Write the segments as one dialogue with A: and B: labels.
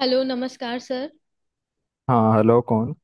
A: Hello नमस्कार sir.
B: हाँ, hello, कौन।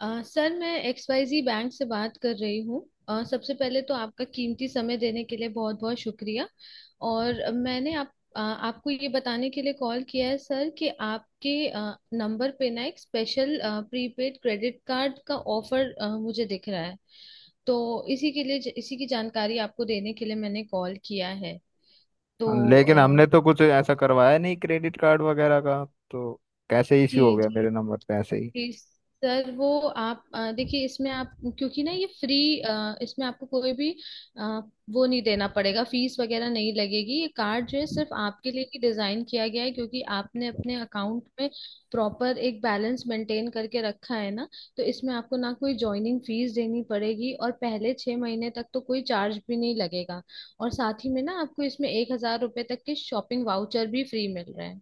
A: सर मैं XYZ बैंक से बात कर रही हूँ। सबसे पहले तो आपका कीमती समय देने के लिए बहुत बहुत शुक्रिया। और मैंने आपको ये बताने के लिए कॉल किया है सर कि आपके नंबर पे ना एक स्पेशल प्रीपेड क्रेडिट कार्ड का ऑफर मुझे दिख रहा है। तो इसी के लिए इसी की जानकारी आपको देने के लिए मैंने कॉल किया है। तो
B: लेकिन हमने तो कुछ ऐसा करवाया नहीं क्रेडिट कार्ड वगैरह का, तो कैसे
A: जी
B: इश्यू हो गया मेरे
A: जी
B: नंबर पे ऐसे ही।
A: जी। सर वो आप देखिए इसमें आप क्योंकि ना ये फ्री इसमें आपको कोई भी अ, वो नहीं देना पड़ेगा, फीस वगैरह नहीं लगेगी, ये कार्ड जो है सिर्फ आपके लिए ही डिजाइन किया गया है क्योंकि आपने अपने अकाउंट में प्रॉपर एक बैलेंस मेंटेन करके रखा है ना। तो इसमें आपको ना कोई ज्वाइनिंग फीस देनी पड़ेगी और पहले 6 महीने तक तो कोई चार्ज भी नहीं लगेगा। और साथ ही में ना आपको इसमें 1,000 रुपये तक के शॉपिंग वाउचर भी फ्री मिल रहे हैं।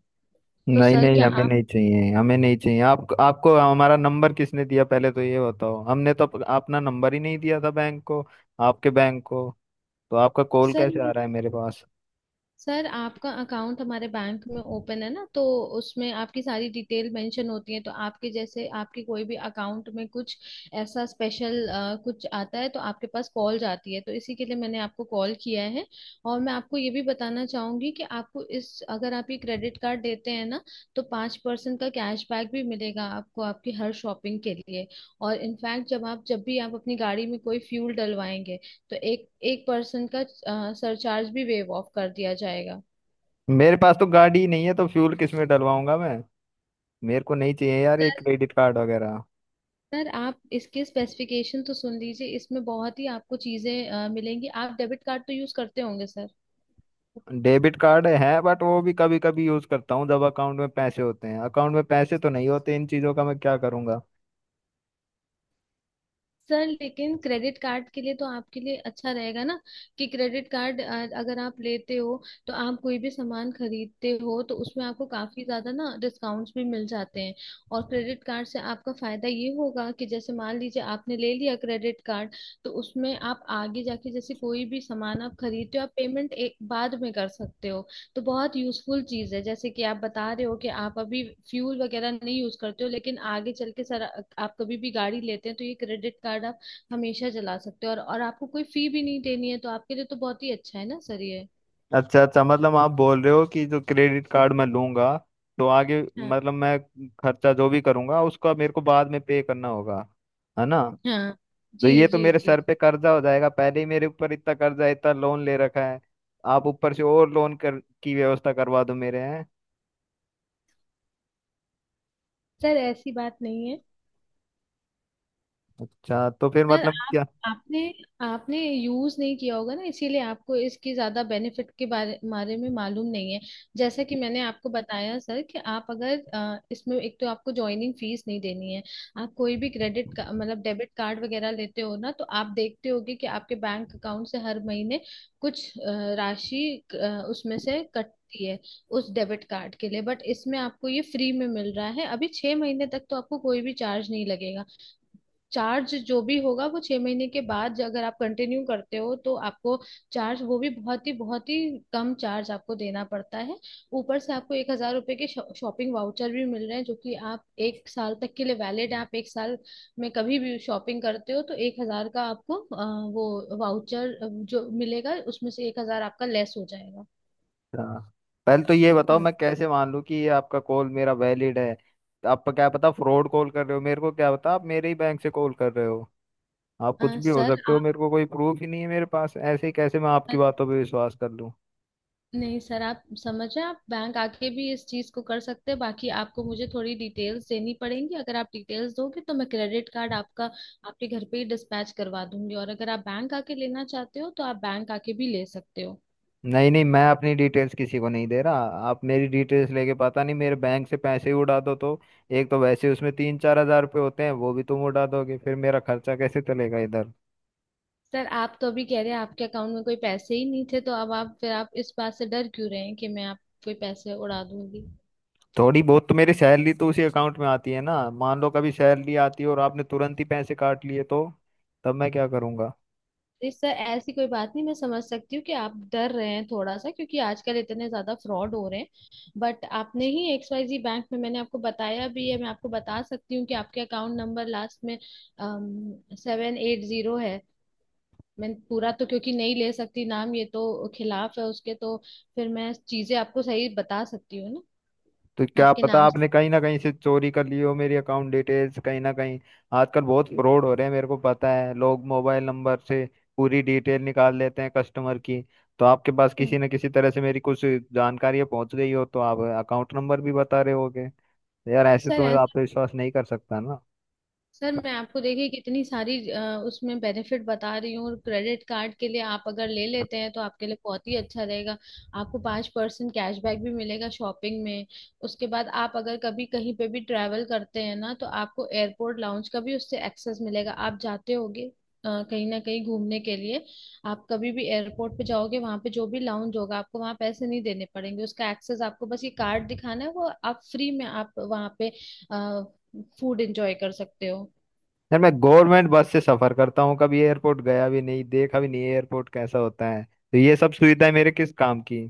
A: तो
B: नहीं
A: सर
B: नहीं,
A: क्या
B: हमें
A: आप।
B: नहीं चाहिए, हमें नहीं चाहिए। आप आपको हमारा नंबर किसने दिया, पहले तो ये बताओ। हमने तो अपना नंबर ही नहीं दिया था बैंक को, आपके बैंक को, तो आपका कॉल
A: सर
B: कैसे आ रहा है मेरे पास।
A: सर आपका अकाउंट हमारे बैंक में ओपन है ना, तो उसमें आपकी सारी डिटेल मेंशन होती है। तो आपके जैसे आपके कोई भी अकाउंट में कुछ ऐसा स्पेशल कुछ आता है तो आपके पास कॉल जाती है, तो इसी के लिए मैंने आपको कॉल किया है। और मैं आपको ये भी बताना चाहूंगी कि आपको इस, अगर आप ये क्रेडिट कार्ड देते हैं ना तो 5% का कैशबैक भी मिलेगा आपको आपकी हर शॉपिंग के लिए। और इनफैक्ट जब भी आप अपनी गाड़ी में कोई फ्यूल डलवाएंगे तो एक एक पर्सन का सरचार्ज भी वेव ऑफ कर दिया जाएगा।
B: मेरे पास तो गाड़ी ही नहीं है, तो फ्यूल किस में डलवाऊंगा मैं। मेरे को नहीं चाहिए यार ये
A: सर
B: क्रेडिट कार्ड वगैरह।
A: सर आप इसके स्पेसिफिकेशन तो सुन लीजिए, इसमें बहुत ही आपको चीजें मिलेंगी। आप डेबिट कार्ड तो यूज करते होंगे सर।
B: डेबिट कार्ड है, बट वो भी कभी कभी यूज करता हूँ जब अकाउंट में पैसे होते हैं। अकाउंट में पैसे तो नहीं होते, इन चीजों का मैं क्या करूंगा।
A: सर लेकिन क्रेडिट कार्ड के लिए तो आपके लिए अच्छा रहेगा ना, कि क्रेडिट कार्ड अगर आप लेते हो तो आप कोई भी सामान खरीदते हो तो उसमें आपको काफी ज्यादा ना डिस्काउंट्स भी मिल जाते हैं। और क्रेडिट कार्ड से आपका फायदा ये होगा कि जैसे मान लीजिए आपने ले लिया क्रेडिट कार्ड, तो उसमें आप आगे जाके जैसे कोई भी सामान आप खरीदते हो आप पेमेंट एक बाद में कर सकते हो। तो बहुत यूजफुल चीज है, जैसे कि आप बता रहे हो कि आप अभी फ्यूल वगैरह नहीं यूज करते हो, लेकिन आगे चल के सर आप कभी भी गाड़ी लेते हैं तो ये क्रेडिट कार्ड आप हमेशा चला सकते हो, और आपको कोई फी भी नहीं देनी है, तो आपके लिए तो बहुत ही अच्छा है ना सर ये।
B: अच्छा अच्छा, मतलब आप बोल रहे हो कि जो क्रेडिट कार्ड मैं लूंगा, तो आगे
A: हाँ
B: मतलब मैं खर्चा जो भी करूंगा उसका मेरे को बाद में पे करना होगा, है ना?
A: हाँ।
B: तो
A: जी
B: ये तो
A: जी
B: मेरे
A: जी।
B: सर पे कर्जा हो जाएगा। पहले ही मेरे ऊपर इतना कर्जा है, इतना लोन ले रखा है, आप ऊपर से और लोन कर की व्यवस्था करवा दो मेरे हैं।
A: सर ऐसी बात नहीं है।
B: अच्छा, तो फिर
A: सर
B: मतलब।
A: आप आपने आपने यूज नहीं किया होगा ना, इसीलिए आपको इसकी ज्यादा बेनिफिट के बारे बारे में मालूम नहीं है। जैसा कि मैंने आपको बताया सर कि आप अगर इसमें, एक तो आपको ज्वाइनिंग फीस नहीं देनी है। आप कोई भी क्रेडिट का मतलब डेबिट कार्ड वगैरह लेते हो ना, तो आप देखते होगे कि आपके बैंक अकाउंट से हर महीने कुछ राशि उसमें से कटती है उस डेबिट कार्ड के लिए, बट इसमें आपको ये फ्री में मिल रहा है। अभी 6 महीने तक तो आपको कोई भी चार्ज नहीं लगेगा। चार्ज जो भी होगा वो 6 महीने के बाद, अगर आप कंटिन्यू करते हो तो आपको चार्ज, वो भी बहुत ही कम चार्ज आपको देना पड़ता है। ऊपर से आपको 1,000 रुपए के शॉपिंग वाउचर भी मिल रहे हैं, जो कि आप एक साल तक के लिए वैलिड है। आप एक साल में कभी भी शॉपिंग करते हो तो 1,000 का आपको वो वाउचर जो मिलेगा उसमें से 1,000 आपका लेस हो जाएगा।
B: अच्छा पहले तो ये बताओ,
A: हम्म।
B: मैं कैसे मान लूँ कि ये आपका कॉल मेरा वैलिड है। आप क्या पता फ्रॉड कॉल कर रहे हो, मेरे को क्या पता आप मेरे ही बैंक से कॉल कर रहे हो। आप कुछ भी हो
A: सर
B: सकते हो, मेरे को कोई प्रूफ ही नहीं है मेरे पास। ऐसे ही कैसे मैं आपकी
A: आप।
B: बातों पे विश्वास कर लूँ।
A: नहीं सर, आप समझे, आप बैंक आके भी इस चीज को कर सकते हैं, बाकी आपको मुझे थोड़ी डिटेल्स देनी पड़ेंगी। अगर आप डिटेल्स दोगे तो मैं क्रेडिट कार्ड आपका आपके घर पे ही डिस्पैच करवा दूंगी, और अगर आप बैंक आके लेना चाहते हो तो आप बैंक आके भी ले सकते हो।
B: नहीं नहीं, मैं अपनी डिटेल्स किसी को नहीं दे रहा। आप मेरी डिटेल्स लेके पता नहीं मेरे बैंक से पैसे ही उड़ा दो तो? एक तो वैसे उसमें तीन चार हजार रुपये होते हैं, वो भी तुम उड़ा दोगे, फिर मेरा खर्चा कैसे चलेगा इधर।
A: सर आप तो अभी कह रहे हैं आपके अकाउंट में कोई पैसे ही नहीं थे, तो अब आप फिर आप इस बात से डर क्यों रहे हैं कि मैं आप कोई पैसे उड़ा दूंगी।
B: थोड़ी बहुत तो मेरी सैलरी तो उसी अकाउंट में आती है ना। मान लो कभी सैलरी आती है और आपने तुरंत ही पैसे काट लिए, तो तब मैं क्या करूंगा।
A: जी सर, ऐसी कोई बात नहीं। मैं समझ सकती हूँ कि आप डर रहे हैं थोड़ा सा, क्योंकि आजकल इतने ज्यादा फ्रॉड हो रहे हैं। बट आपने ही XYZ बैंक में, मैंने आपको बताया भी है, मैं आपको बता सकती हूँ कि आपके अकाउंट नंबर लास्ट में 780 है। मैं पूरा तो क्योंकि नहीं ले सकती नाम, ये तो खिलाफ है उसके, तो फिर मैं चीजें आपको सही बता सकती हूँ
B: तो
A: ना
B: क्या
A: आपके
B: पता
A: नाम
B: आपने
A: से।
B: कहीं ना कहीं से चोरी कर ली हो मेरी अकाउंट डिटेल्स कहीं ना कहीं। आजकल बहुत फ्रॉड हो रहे हैं मेरे को पता है, लोग मोबाइल नंबर से पूरी डिटेल निकाल लेते हैं कस्टमर की। तो आपके पास
A: हम्म।
B: किसी न किसी तरह से मेरी कुछ जानकारी पहुंच गई हो, तो आप अकाउंट नंबर भी बता रहे होगे। तो यार ऐसे तो मैं
A: सर
B: आप पे विश्वास नहीं कर सकता ना।
A: सर मैं आपको देखिए कितनी सारी उसमें बेनिफिट बता रही हूँ, और क्रेडिट कार्ड के लिए आप अगर ले लेते हैं तो आपके लिए बहुत ही अच्छा रहेगा। आपको 5% कैशबैक भी मिलेगा शॉपिंग में। उसके बाद आप अगर कभी कहीं पे भी ट्रैवल करते हैं ना, तो आपको एयरपोर्ट लाउंज का भी उससे एक्सेस मिलेगा। आप जाते होगे कहीं ना कहीं घूमने के लिए। आप कभी भी एयरपोर्ट पे जाओगे वहां पे जो भी लाउंज होगा आपको वहां पैसे नहीं देने पड़ेंगे, उसका एक्सेस आपको, बस ये कार्ड दिखाना है, वो आप फ्री में आप वहां पे फूड एंजॉय कर सकते हो।
B: यार मैं गवर्नमेंट बस से सफर करता हूँ, कभी एयरपोर्ट गया भी नहीं, देखा भी नहीं एयरपोर्ट कैसा होता है, तो ये सब सुविधाएं मेरे किस काम की,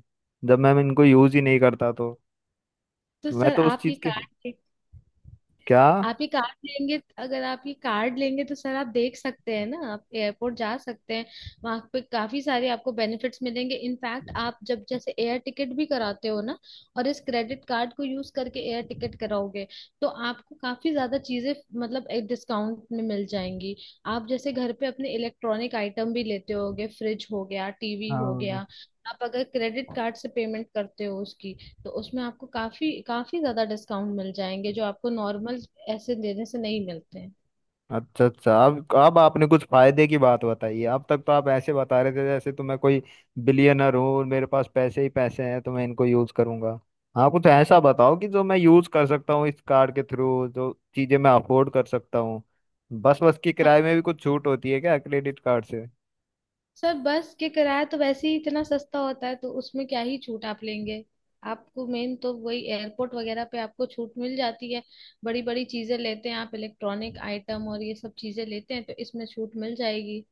B: जब मैं इनको यूज ही नहीं करता तो।
A: तो
B: मैं
A: सर
B: तो उस
A: आप ये
B: चीज के,
A: कार्ड,
B: क्या।
A: आप ये कार्ड लेंगे, अगर आप ये कार्ड लेंगे तो सर आप देख सकते हैं ना, आप एयरपोर्ट जा सकते हैं। वहां पे काफी सारे आपको बेनिफिट्स मिलेंगे। इनफैक्ट आप जब जैसे एयर टिकट भी कराते हो ना, और इस क्रेडिट कार्ड को यूज करके एयर टिकट कराओगे तो आपको काफी ज्यादा चीजें, मतलब एक डिस्काउंट में मिल जाएंगी। आप जैसे घर पे अपने इलेक्ट्रॉनिक आइटम भी लेते होगे, फ्रिज हो गया, TV हो गया,
B: हाँ।
A: आप अगर क्रेडिट कार्ड से पेमेंट करते हो उसकी, तो उसमें आपको काफी काफी ज्यादा डिस्काउंट मिल जाएंगे, जो आपको नॉर्मल ऐसे देने से नहीं मिलते हैं।
B: अच्छा अच्छा, अब आपने कुछ फायदे की बात बताई है। अब तक तो आप ऐसे बता रहे थे जैसे तो मैं कोई बिलियनर हूँ और मेरे पास पैसे ही पैसे हैं, तो मैं इनको यूज करूंगा। हाँ, कुछ ऐसा बताओ कि जो मैं यूज कर सकता हूँ इस कार्ड के थ्रू, जो चीजें मैं अफोर्ड कर सकता हूँ। बस, बस की
A: हाँ,
B: किराए में भी कुछ छूट होती है क्या क्रेडिट कार्ड से?
A: सर बस के किराया तो वैसे ही इतना सस्ता होता है तो उसमें क्या ही छूट आप लेंगे। आपको मेन तो वही एयरपोर्ट वगैरह पे आपको छूट मिल जाती है। बड़ी बड़ी चीजें लेते हैं आप, इलेक्ट्रॉनिक आइटम और ये सब चीजें लेते हैं, तो इसमें छूट मिल जाएगी।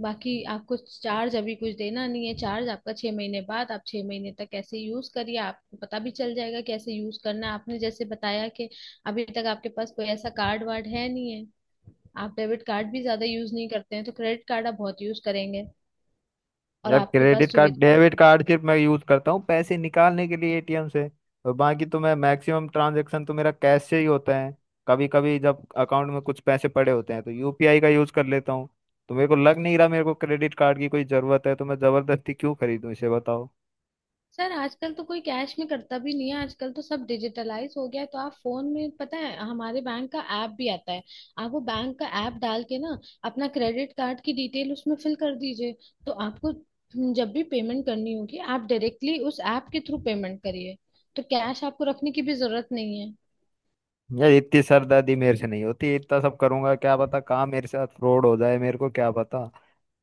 A: बाकी आपको चार्ज अभी कुछ देना नहीं है। चार्ज आपका 6 महीने बाद, आप 6 महीने तक कैसे यूज करिए, आपको पता भी चल जाएगा कैसे यूज करना है। आपने जैसे बताया कि अभी तक आपके पास कोई ऐसा कार्ड वार्ड है नहीं है, आप डेबिट कार्ड भी ज्यादा यूज नहीं करते हैं, तो क्रेडिट कार्ड आप बहुत यूज करेंगे और
B: यार
A: आपके
B: क्रेडिट
A: पास
B: कार्ड
A: सुविधा।
B: डेबिट कार्ड सिर्फ मैं यूज करता हूँ पैसे निकालने के लिए एटीएम से, और बाकी तो मैं मैक्सिमम ट्रांजैक्शन तो मेरा कैश से ही होता है। कभी कभी जब अकाउंट में कुछ पैसे पड़े होते हैं तो यूपीआई का यूज कर लेता हूँ। तो मेरे को लग नहीं रहा मेरे को क्रेडिट कार्ड की कोई जरूरत है, तो मैं जबरदस्ती क्यों खरीदूं इसे, बताओ।
A: सर आजकल तो कोई कैश में करता भी नहीं है, आजकल तो सब डिजिटलाइज हो गया है। तो आप फोन में, पता है, हमारे बैंक का ऐप भी आता है। आप वो बैंक का ऐप डाल के ना अपना क्रेडिट कार्ड की डिटेल उसमें फिल कर दीजिए। तो आपको जब भी पेमेंट करनी होगी आप डायरेक्टली उस ऐप के थ्रू पेमेंट करिए। तो कैश आपको रखने की भी जरूरत नहीं है।
B: यार इतनी सरदर्दी मेरे से नहीं होती, इतना सब करूंगा क्या पता कहाँ मेरे साथ फ्रॉड हो जाए, मेरे को क्या पता।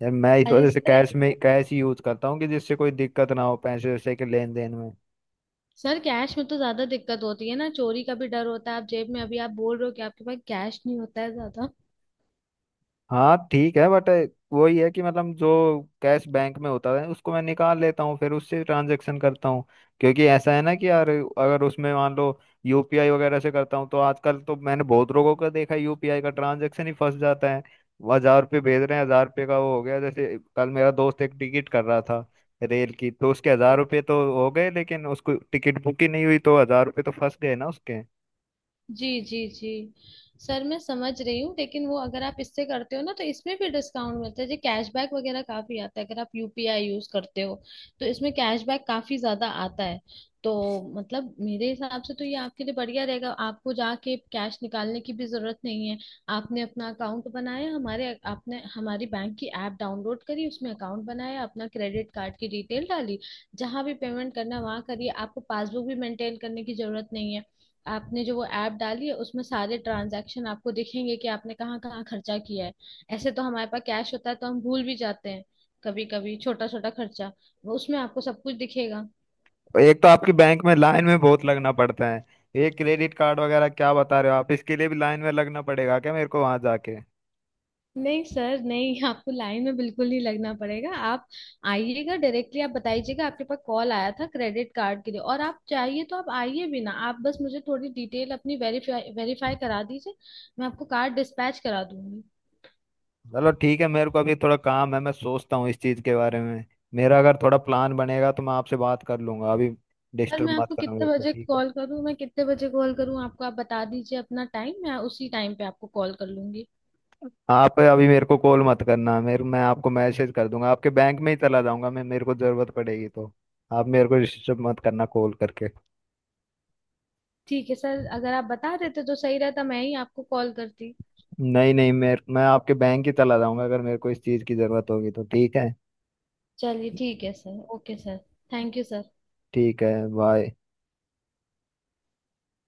B: यार मैं इस
A: अरे
B: वजह से
A: सर।
B: कैश में, कैश ही यूज करता हूँ कि जिससे कोई दिक्कत ना हो पैसे वैसे के लेन देन में।
A: सर कैश में तो ज्यादा दिक्कत होती है ना, चोरी का भी डर होता है आप जेब में, अभी आप बोल रहे हो कि आपके पास कैश नहीं होता है ज्यादा।
B: हाँ ठीक है, बट वही है कि मतलब जो कैश बैंक में होता है उसको मैं निकाल लेता हूँ, फिर उससे ट्रांजेक्शन करता हूँ। क्योंकि ऐसा है ना कि यार अगर उसमें मान लो यूपीआई वगैरह से करता हूँ, तो आजकल तो मैंने बहुत लोगों का देखा है यूपीआई का ट्रांजेक्शन ही फंस जाता है। वो हजार रुपये भेज रहे हैं, हजार रुपये का वो हो गया, जैसे कल मेरा दोस्त एक टिकट कर रहा था रेल की, तो उसके हजार रुपये तो हो गए लेकिन उसको टिकट बुक ही नहीं हुई, तो हजार रुपये तो फंस गए ना उसके।
A: जी जी जी। सर मैं समझ रही हूँ, लेकिन वो अगर आप इससे करते हो ना तो इसमें भी डिस्काउंट मिलता है, जो कैशबैक वगैरह काफी आता है। अगर आप UPI यूज करते हो तो इसमें कैशबैक काफी ज्यादा आता है तो। मतलब मेरे हिसाब से तो ये आपके लिए बढ़िया रहेगा। आपको जाके कैश निकालने की भी जरूरत नहीं है। आपने अपना अकाउंट बनाया हमारे, आपने हमारी बैंक की ऐप डाउनलोड करी, उसमें अकाउंट बनाया, अपना क्रेडिट कार्ड की डिटेल डाली, जहां भी पेमेंट करना वहां करिए। आपको पासबुक भी मेंटेन करने की जरूरत नहीं है। आपने जो वो ऐप डाली है, उसमें सारे ट्रांजैक्शन आपको दिखेंगे कि आपने कहाँ कहाँ खर्चा किया है। ऐसे तो हमारे पास कैश होता है तो हम भूल भी जाते हैं कभी कभी छोटा छोटा खर्चा, वो उसमें आपको सब कुछ दिखेगा।
B: एक तो आपकी बैंक में लाइन में बहुत लगना पड़ता है। ये क्रेडिट कार्ड वगैरह क्या बता रहे हो आप, इसके लिए भी लाइन में लगना पड़ेगा क्या मेरे को वहां जाके?
A: नहीं सर नहीं, आपको लाइन में बिल्कुल नहीं लगना पड़ेगा। आप आइएगा डायरेक्टली, आप बताइएगा आपके पास कॉल आया था क्रेडिट कार्ड के लिए, और आप चाहिए तो आप आइए भी ना, आप बस मुझे थोड़ी डिटेल अपनी वेरीफाई वेरीफाई करा दीजिए। मैं आपको कार्ड डिस्पैच करा दूंगी।
B: चलो ठीक है, मेरे को अभी थोड़ा काम है, मैं सोचता हूँ इस चीज के बारे में। मेरा अगर थोड़ा प्लान बनेगा तो मैं आपसे बात कर लूंगा। अभी
A: सर मैं
B: डिस्टर्ब मत
A: आपको
B: करना मेरे
A: कितने
B: को,
A: बजे
B: ठीक है।
A: कॉल करूं, मैं कितने बजे कॉल करूं आपको, आप बता दीजिए अपना टाइम मैं उसी टाइम पे आपको कॉल कर लूंगी।
B: आप अभी मेरे को कॉल मत करना। मेरे मैं आपको मैसेज कर दूंगा, आपके बैंक में ही चला जाऊंगा मैं मेरे को जरूरत पड़ेगी तो। आप मेरे को डिस्टर्ब मत करना कॉल करके।
A: ठीक है सर, अगर आप बता देते तो सही रहता, मैं ही आपको कॉल करती।
B: नहीं नहीं, मेरे मैं आपके बैंक ही चला जाऊंगा अगर मेरे को इस चीज की जरूरत होगी तो, ठीक है।
A: चलिए ठीक है sir. Okay sir. Thank you sir.
B: ठीक है, बाय।